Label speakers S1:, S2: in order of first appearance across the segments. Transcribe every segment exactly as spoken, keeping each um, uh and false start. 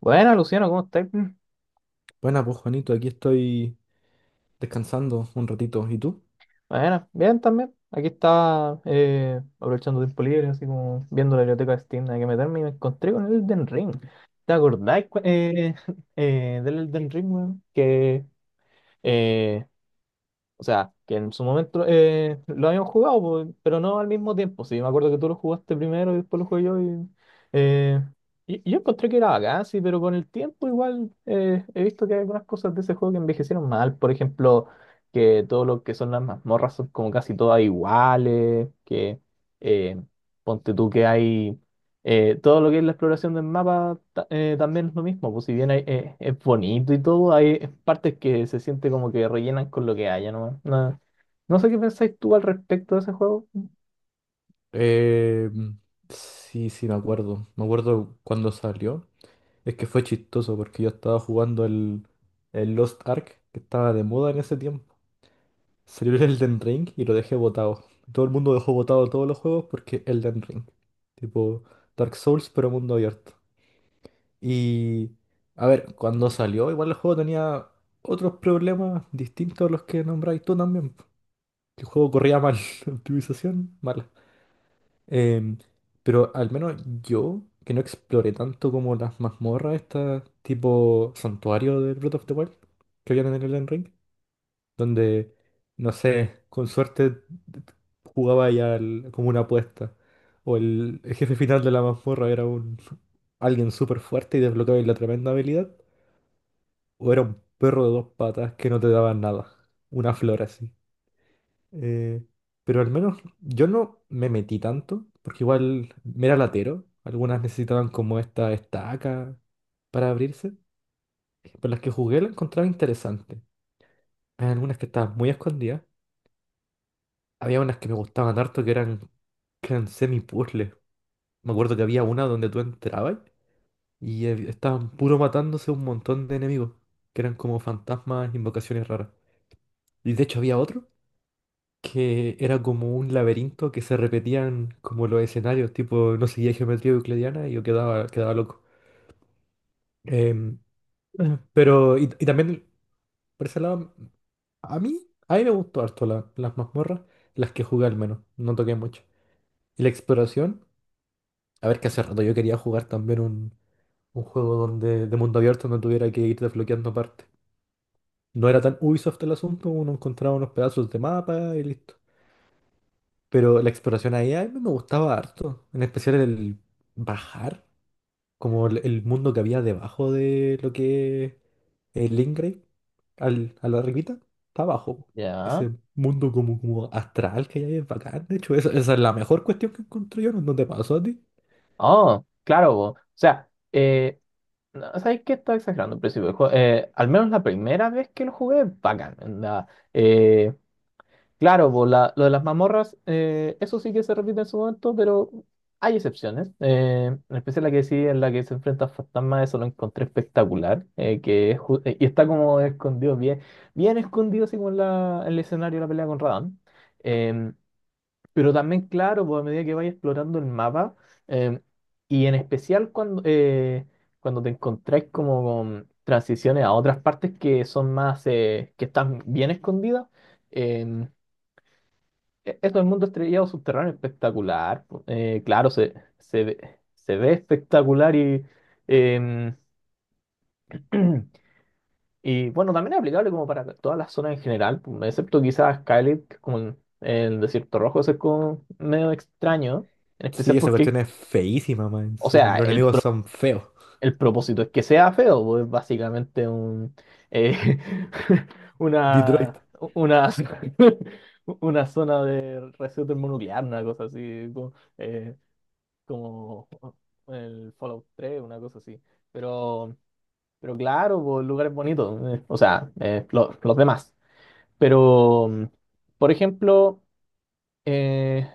S1: Bueno, Luciano, ¿cómo estás?
S2: Buena, pues Juanito, aquí estoy descansando un ratito. ¿Y tú?
S1: Bueno, bien también. Aquí estaba eh, aprovechando tiempo libre, así como viendo la biblioteca de Steam, hay que meterme y me encontré con el Elden Ring. ¿Te acordáis cu- eh, eh, del Elden Ring, weón? Que eh, O sea, que en su momento eh, lo habíamos jugado, pues, pero no al mismo tiempo. Sí, me acuerdo que tú lo jugaste primero y después lo jugué yo. Y, eh, y- y yo encontré que era bacán, sí, pero con el tiempo igual eh, he visto que hay algunas cosas de ese juego que envejecieron mal. Por ejemplo, que todo lo que son las mazmorras son como casi todas iguales, que eh, ponte tú que hay... Eh, todo lo que es la exploración del mapa ta- eh, también es lo mismo, pues si bien hay- eh, es bonito y todo, hay partes que se siente como que rellenan con lo que haya, ¿no? No, no sé qué pensáis tú al respecto de ese juego.
S2: Eh, sí, sí, me acuerdo. Me acuerdo cuando salió. Es que fue chistoso porque yo estaba jugando el, el Lost Ark, que estaba de moda en ese tiempo. Salió el Elden Ring y lo dejé botado. Todo el mundo dejó botado todos los juegos porque Elden Ring. Tipo Dark Souls, pero mundo abierto. Y, a ver, cuando salió, igual el juego tenía otros problemas distintos a los que nombráis tú también. El juego corría mal, la optimización mala. Em, pero al menos yo, que no exploré tanto como las mazmorras, estas tipo santuario de Breath of the Wild, que habían en el Elden Ring, donde, no sé, con suerte jugaba ya al- como una apuesta. O el jefe final de la mazmorra era un alguien súper fuerte y desbloqueaba la tremenda habilidad. O era un perro de dos patas que no te daba nada. Una flor así. Eh, pero al menos yo no me metí tanto, porque igual me era latero. Algunas necesitaban como esta estaca para abrirse. Pero las que jugué las encontraba interesantes. Había algunas que estaban muy escondidas. Había unas que me gustaban harto que eran, que eran semi-puzzles. Me acuerdo que había una donde tú entrabas y eh, estaban puro matándose un montón de enemigos, que eran como fantasmas, invocaciones raras. Y de hecho había otro que era como un laberinto que se repetían como los escenarios, tipo, no seguía geometría euclidiana y yo quedaba, quedaba loco. Em, eh, pero, y, y también, por ese lado, a mí, a mí me gustó harto la- las mazmorras, las que jugué al menos, no toqué mucho. Y la exploración, a ver, que hace rato yo quería jugar también un, un juego donde, de mundo abierto donde tuviera que ir desbloqueando partes. No era tan Ubisoft el asunto, uno encontraba unos pedazos de mapa y listo. Pero la exploración ahí a mí me gustaba harto, en especial el bajar, como el, el mundo que había debajo de lo que es el Ingray, al, a la arribita, está abajo.
S1: Ya.
S2: Ese mundo como, como astral que hay ahí es bacán, de hecho, esa, esa es la mejor cuestión que encontré yo, ¿no no te pasó a ti?
S1: Oh, claro, po. O sea, eh, no, ¿sabes qué? Estaba exagerando al principio del juego. Eh, al menos la primera vez que lo jugué, bacán. Onda, claro, pues, la- lo de las mazmorras, eh, eso sí que se repite en su momento, pero hay excepciones. Eh, en especial la que sí, en la que se enfrenta a fantasmas, eso lo encontré espectacular. Eh, que es ju- eh, y está como escondido, bien, bien escondido, así como en, la- en el escenario de la pelea con Radahn. Em, pero también, claro, pues a medida que vayas explorando el mapa, em, y en especial cuando, eh, cuando te encontráis como con transiciones a otras partes que son más, eh, que están bien escondidas em, e- eso del mundo estrellado subterráneo espectacular. Po. Eh, claro, se, se ve, se ve espectacular y, em, y bueno, también es aplicable como para todas las zonas en general, po, excepto quizás Skylit, que es como en el desierto rojo, eso es como medio extraño, en
S2: Sí,
S1: especial
S2: esa
S1: porque,
S2: cuestión es feísima más
S1: o
S2: encima, y
S1: sea,
S2: los
S1: el,
S2: enemigos
S1: pro-
S2: son feos.
S1: el propósito es que sea feo, pues es básicamente un, eh, una,
S2: Detroit.
S1: una, una zona de residuo termonuclear, una cosa así. Como, eh, como el Fallout tres una cosa así. Pero, pero claro, pues, lugares bonitos, eh, o sea, eh, lo- los demás. Pero, mm, por ejemplo, eh,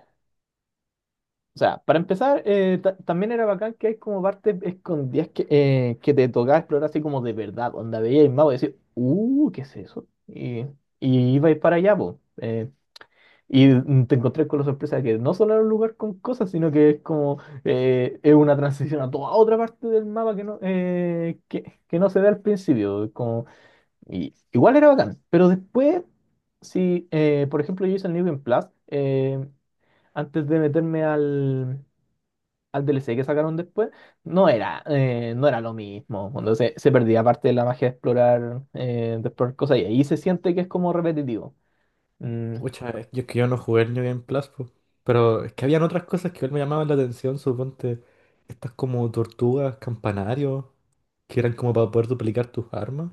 S1: o sea, para empezar, eh, ta- también era bacán que hay como partes escondidas que, eh, que te tocaba explorar así como de verdad, donde veías el mapa y decías, uh, ¿qué es eso? Y, y ibais para allá, pues. eh, Y te encontré con la sorpresa de que no solo era un lugar con cosas, sino que es como eh, es una transición a toda otra parte del mapa que no, eh, que, que no se ve al principio. Como, y, igual era bacán, pero después, si eh, por ejemplo yo hice el New Game Plus, eh, antes de meterme al, al D L C que sacaron después, no era, eh, no era lo mismo. Cuando se, se perdía parte de la magia de explorar, eh, de explorar cosas y ahí se siente que es como repetitivo. Mm,
S2: Pucha, es- yo es que yo no jugué el New Game Plus, po. Pero es que habían otras cosas que igual me llamaban la atención, suponte. Estas como tortugas, campanarios, que eran como para poder duplicar tus armas.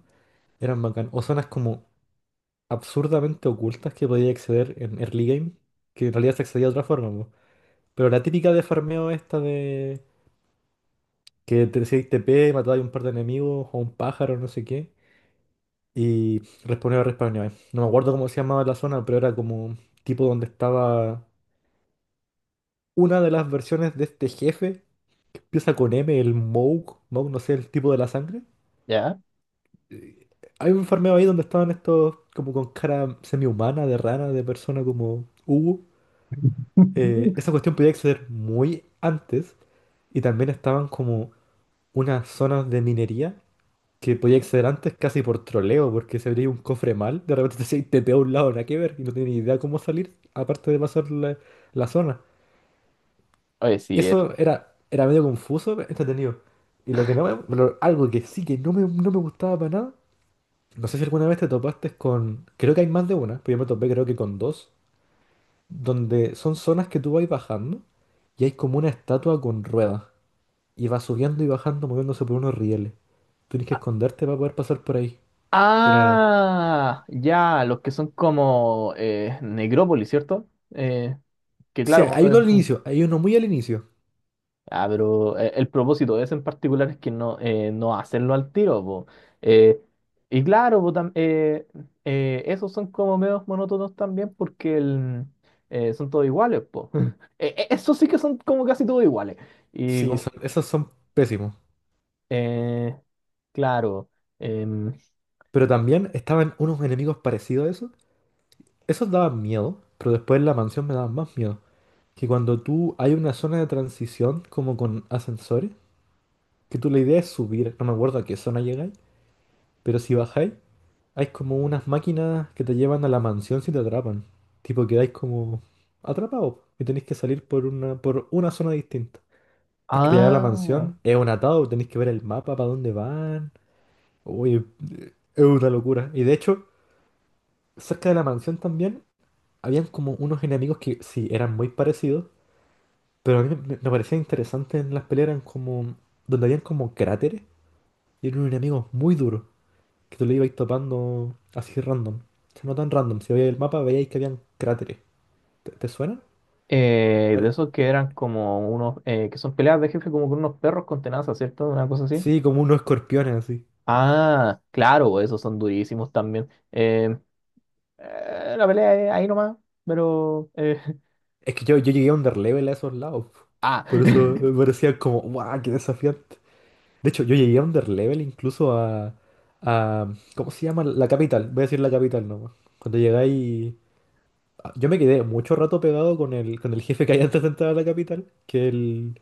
S2: Eran bacán. O zonas como absurdamente ocultas que podías acceder en early game, que en realidad se accedía de otra forma, po. Pero la típica de farmeo esta de que te decís T P, matabas a un par de enemigos o un pájaro, no sé qué. Y respawneaba, respawneaba. No me acuerdo cómo se llamaba la zona, pero era como tipo donde estaba una de las versiones de este jefe, que empieza con M, el Moog, Moog no sé, el tipo de la sangre.
S1: ¿ya?
S2: Eh, Hay un farmeo ahí donde estaban estos como con cara semi-humana, de rana, de persona como Hugo. Eh, esa cuestión podía acceder muy antes y también estaban como unas zonas de minería que podía acceder antes casi por troleo, porque se abría un cofre mal, de repente te decía, te a un lado, nada que ver, y no tenía ni idea cómo salir, aparte de pasar la la zona.
S1: Oye, sí, es,
S2: Eso era, era medio confuso, pero entretenido. Y lo que no me, lo- algo que sí que no me, no me gustaba para nada, no sé si alguna vez te topaste con, creo que hay más de una, pero yo me topé creo que con dos, donde son zonas que tú vas bajando y hay como una estatua con ruedas y va subiendo y bajando moviéndose por unos rieles. Tienes que esconderte para poder pasar por ahí. Era...
S1: ah, ya, los que son como eh, Necrópolis, ¿cierto? Eh, que
S2: Sí,
S1: claro,
S2: hay
S1: eh,
S2: uno al
S1: un-
S2: inicio, hay uno muy al inicio.
S1: ah, pero eh, el propósito de ese en particular es que no, eh, no hacerlo al tiro, po. Eh, y claro, po, tam- eh, eh, esos son como medios monótonos también porque el, eh, son todos iguales, po. Eh, eh, esos sí que son como casi todos iguales. Y
S2: Sí,
S1: como-
S2: son- esos son pésimos.
S1: eh, claro. Em,
S2: Pero también estaban unos enemigos parecidos a eso. Esos daban miedo, pero después en la mansión me daban más miedo. Que cuando tú hay una zona de transición como con ascensores, que tú la idea es subir, no me acuerdo a qué zona llegáis, pero si bajáis, hay como unas máquinas que te llevan a la mansión si te atrapan. Tipo quedáis como atrapados y tenéis que salir por una, por una zona distinta. Porque para llegar a la
S1: ah.
S2: mansión es un atado, tenéis que ver el mapa para dónde van. Uy, es una locura. Y de hecho, cerca de la mansión también habían como unos enemigos que sí eran muy parecidos. Pero a mí me, me parecía interesante en las peleas eran como, donde habían como cráteres y eran unos enemigos muy duros, que tú le ibas topando así random. O sea, no tan random, si veíais el mapa veíais que habían cráteres. ¿Te, te suena?
S1: Eh, de
S2: Pero-
S1: esos que eran como unos, eh, que son peleas de jefe como con unos perros con tenazas, ¿cierto? Una cosa así.
S2: sí, como unos escorpiones así.
S1: Ah, claro, esos son durísimos también. Eh, eh, la pelea es ahí nomás, pero... eh,
S2: Es que yo, yo llegué a underlevel a esos lados.
S1: Ah,
S2: Por eso me parecía como, ¡guau! ¡Qué desafiante! De hecho, yo llegué a underlevel incluso a, a... ¿Cómo se llama? La capital. Voy a decir la capital nomás. Cuando llegáis yo me quedé mucho rato pegado con el, con el jefe que hay antes de entrar a la capital, que el,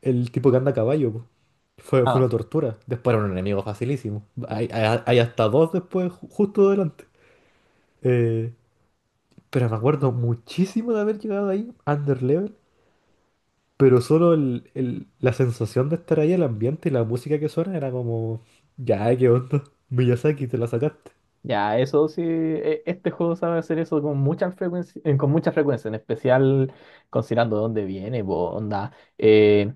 S2: el tipo que anda a caballo, po. Fue, fue
S1: ah,
S2: una tortura. Después era un enemigo facilísimo. Hay, hay- hay hasta dos después, ju- justo delante. Eh, pero me acuerdo muchísimo de haber llegado ahí, under level. Pero solo el- el- la sensación de estar ahí, el ambiente y la música que suena era como... Ya, eh, ¿qué onda? Miyazaki, te la sacaste.
S1: ya, eso sí, e- este juego sabe hacer eso con mucha frecuencia, eh, con mucha frecuencia, en especial considerando de dónde viene, po, onda. eh,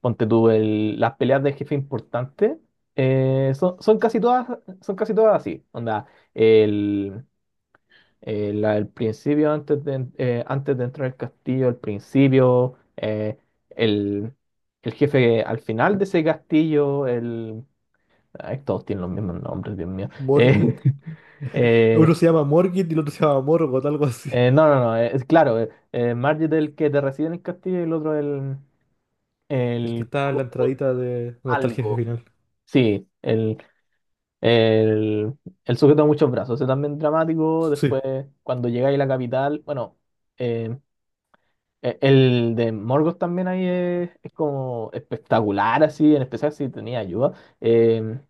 S1: Ponte tú el- las peleas de jefe importante eh, son, son casi todas, son casi todas así. Onda, el, el- la del principio antes de, eh, antes de entrar al castillo, el principio, eh, el, el jefe al final de ese castillo, el. Ay, todos tienen los mismos nombres, Dios mío. Eh,
S2: Morgit. Uno
S1: eh,
S2: se llama Morgit y el otro se llama Morgoth, algo así.
S1: eh, no, no, no, eh, es claro, eh, eh, Marge es el que te recibe en el castillo y el otro el,
S2: El que
S1: el
S2: está en la entradita de donde está el jefe
S1: algo.
S2: final.
S1: Sí, el, El, el sujeto de muchos brazos, ese también dramático.
S2: Sí,
S1: Después, cuando llegáis a la capital, bueno, eh, e- el de Morgoth también ahí es, es como espectacular, así, en especial si tenía ayuda. Eh,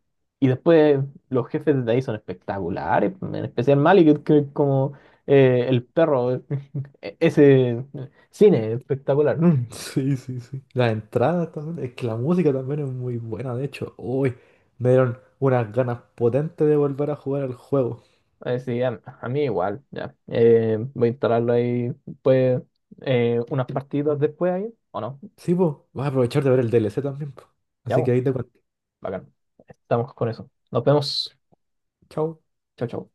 S1: y después, los jefes de ahí son espectaculares, en especial Malik, que que es como eh, el perro, e- ese cine espectacular. Mm.
S2: sí, sí, sí. Las entradas también. Es que la música también es muy buena, de hecho. Uy, me dieron unas ganas potentes de volver a jugar al juego.
S1: Eh, sí, a, a mí igual, ya. Eh, voy a instalarlo ahí, pues, eh, unas partidas después ahí, ¿o no?
S2: Sí, pues, vas a aprovechar de ver el D L C también, po.
S1: Ya,
S2: Así que
S1: pues,
S2: ahí te cuento.
S1: bacán. Estamos con eso. Nos vemos.
S2: Chao.
S1: Chau, chau.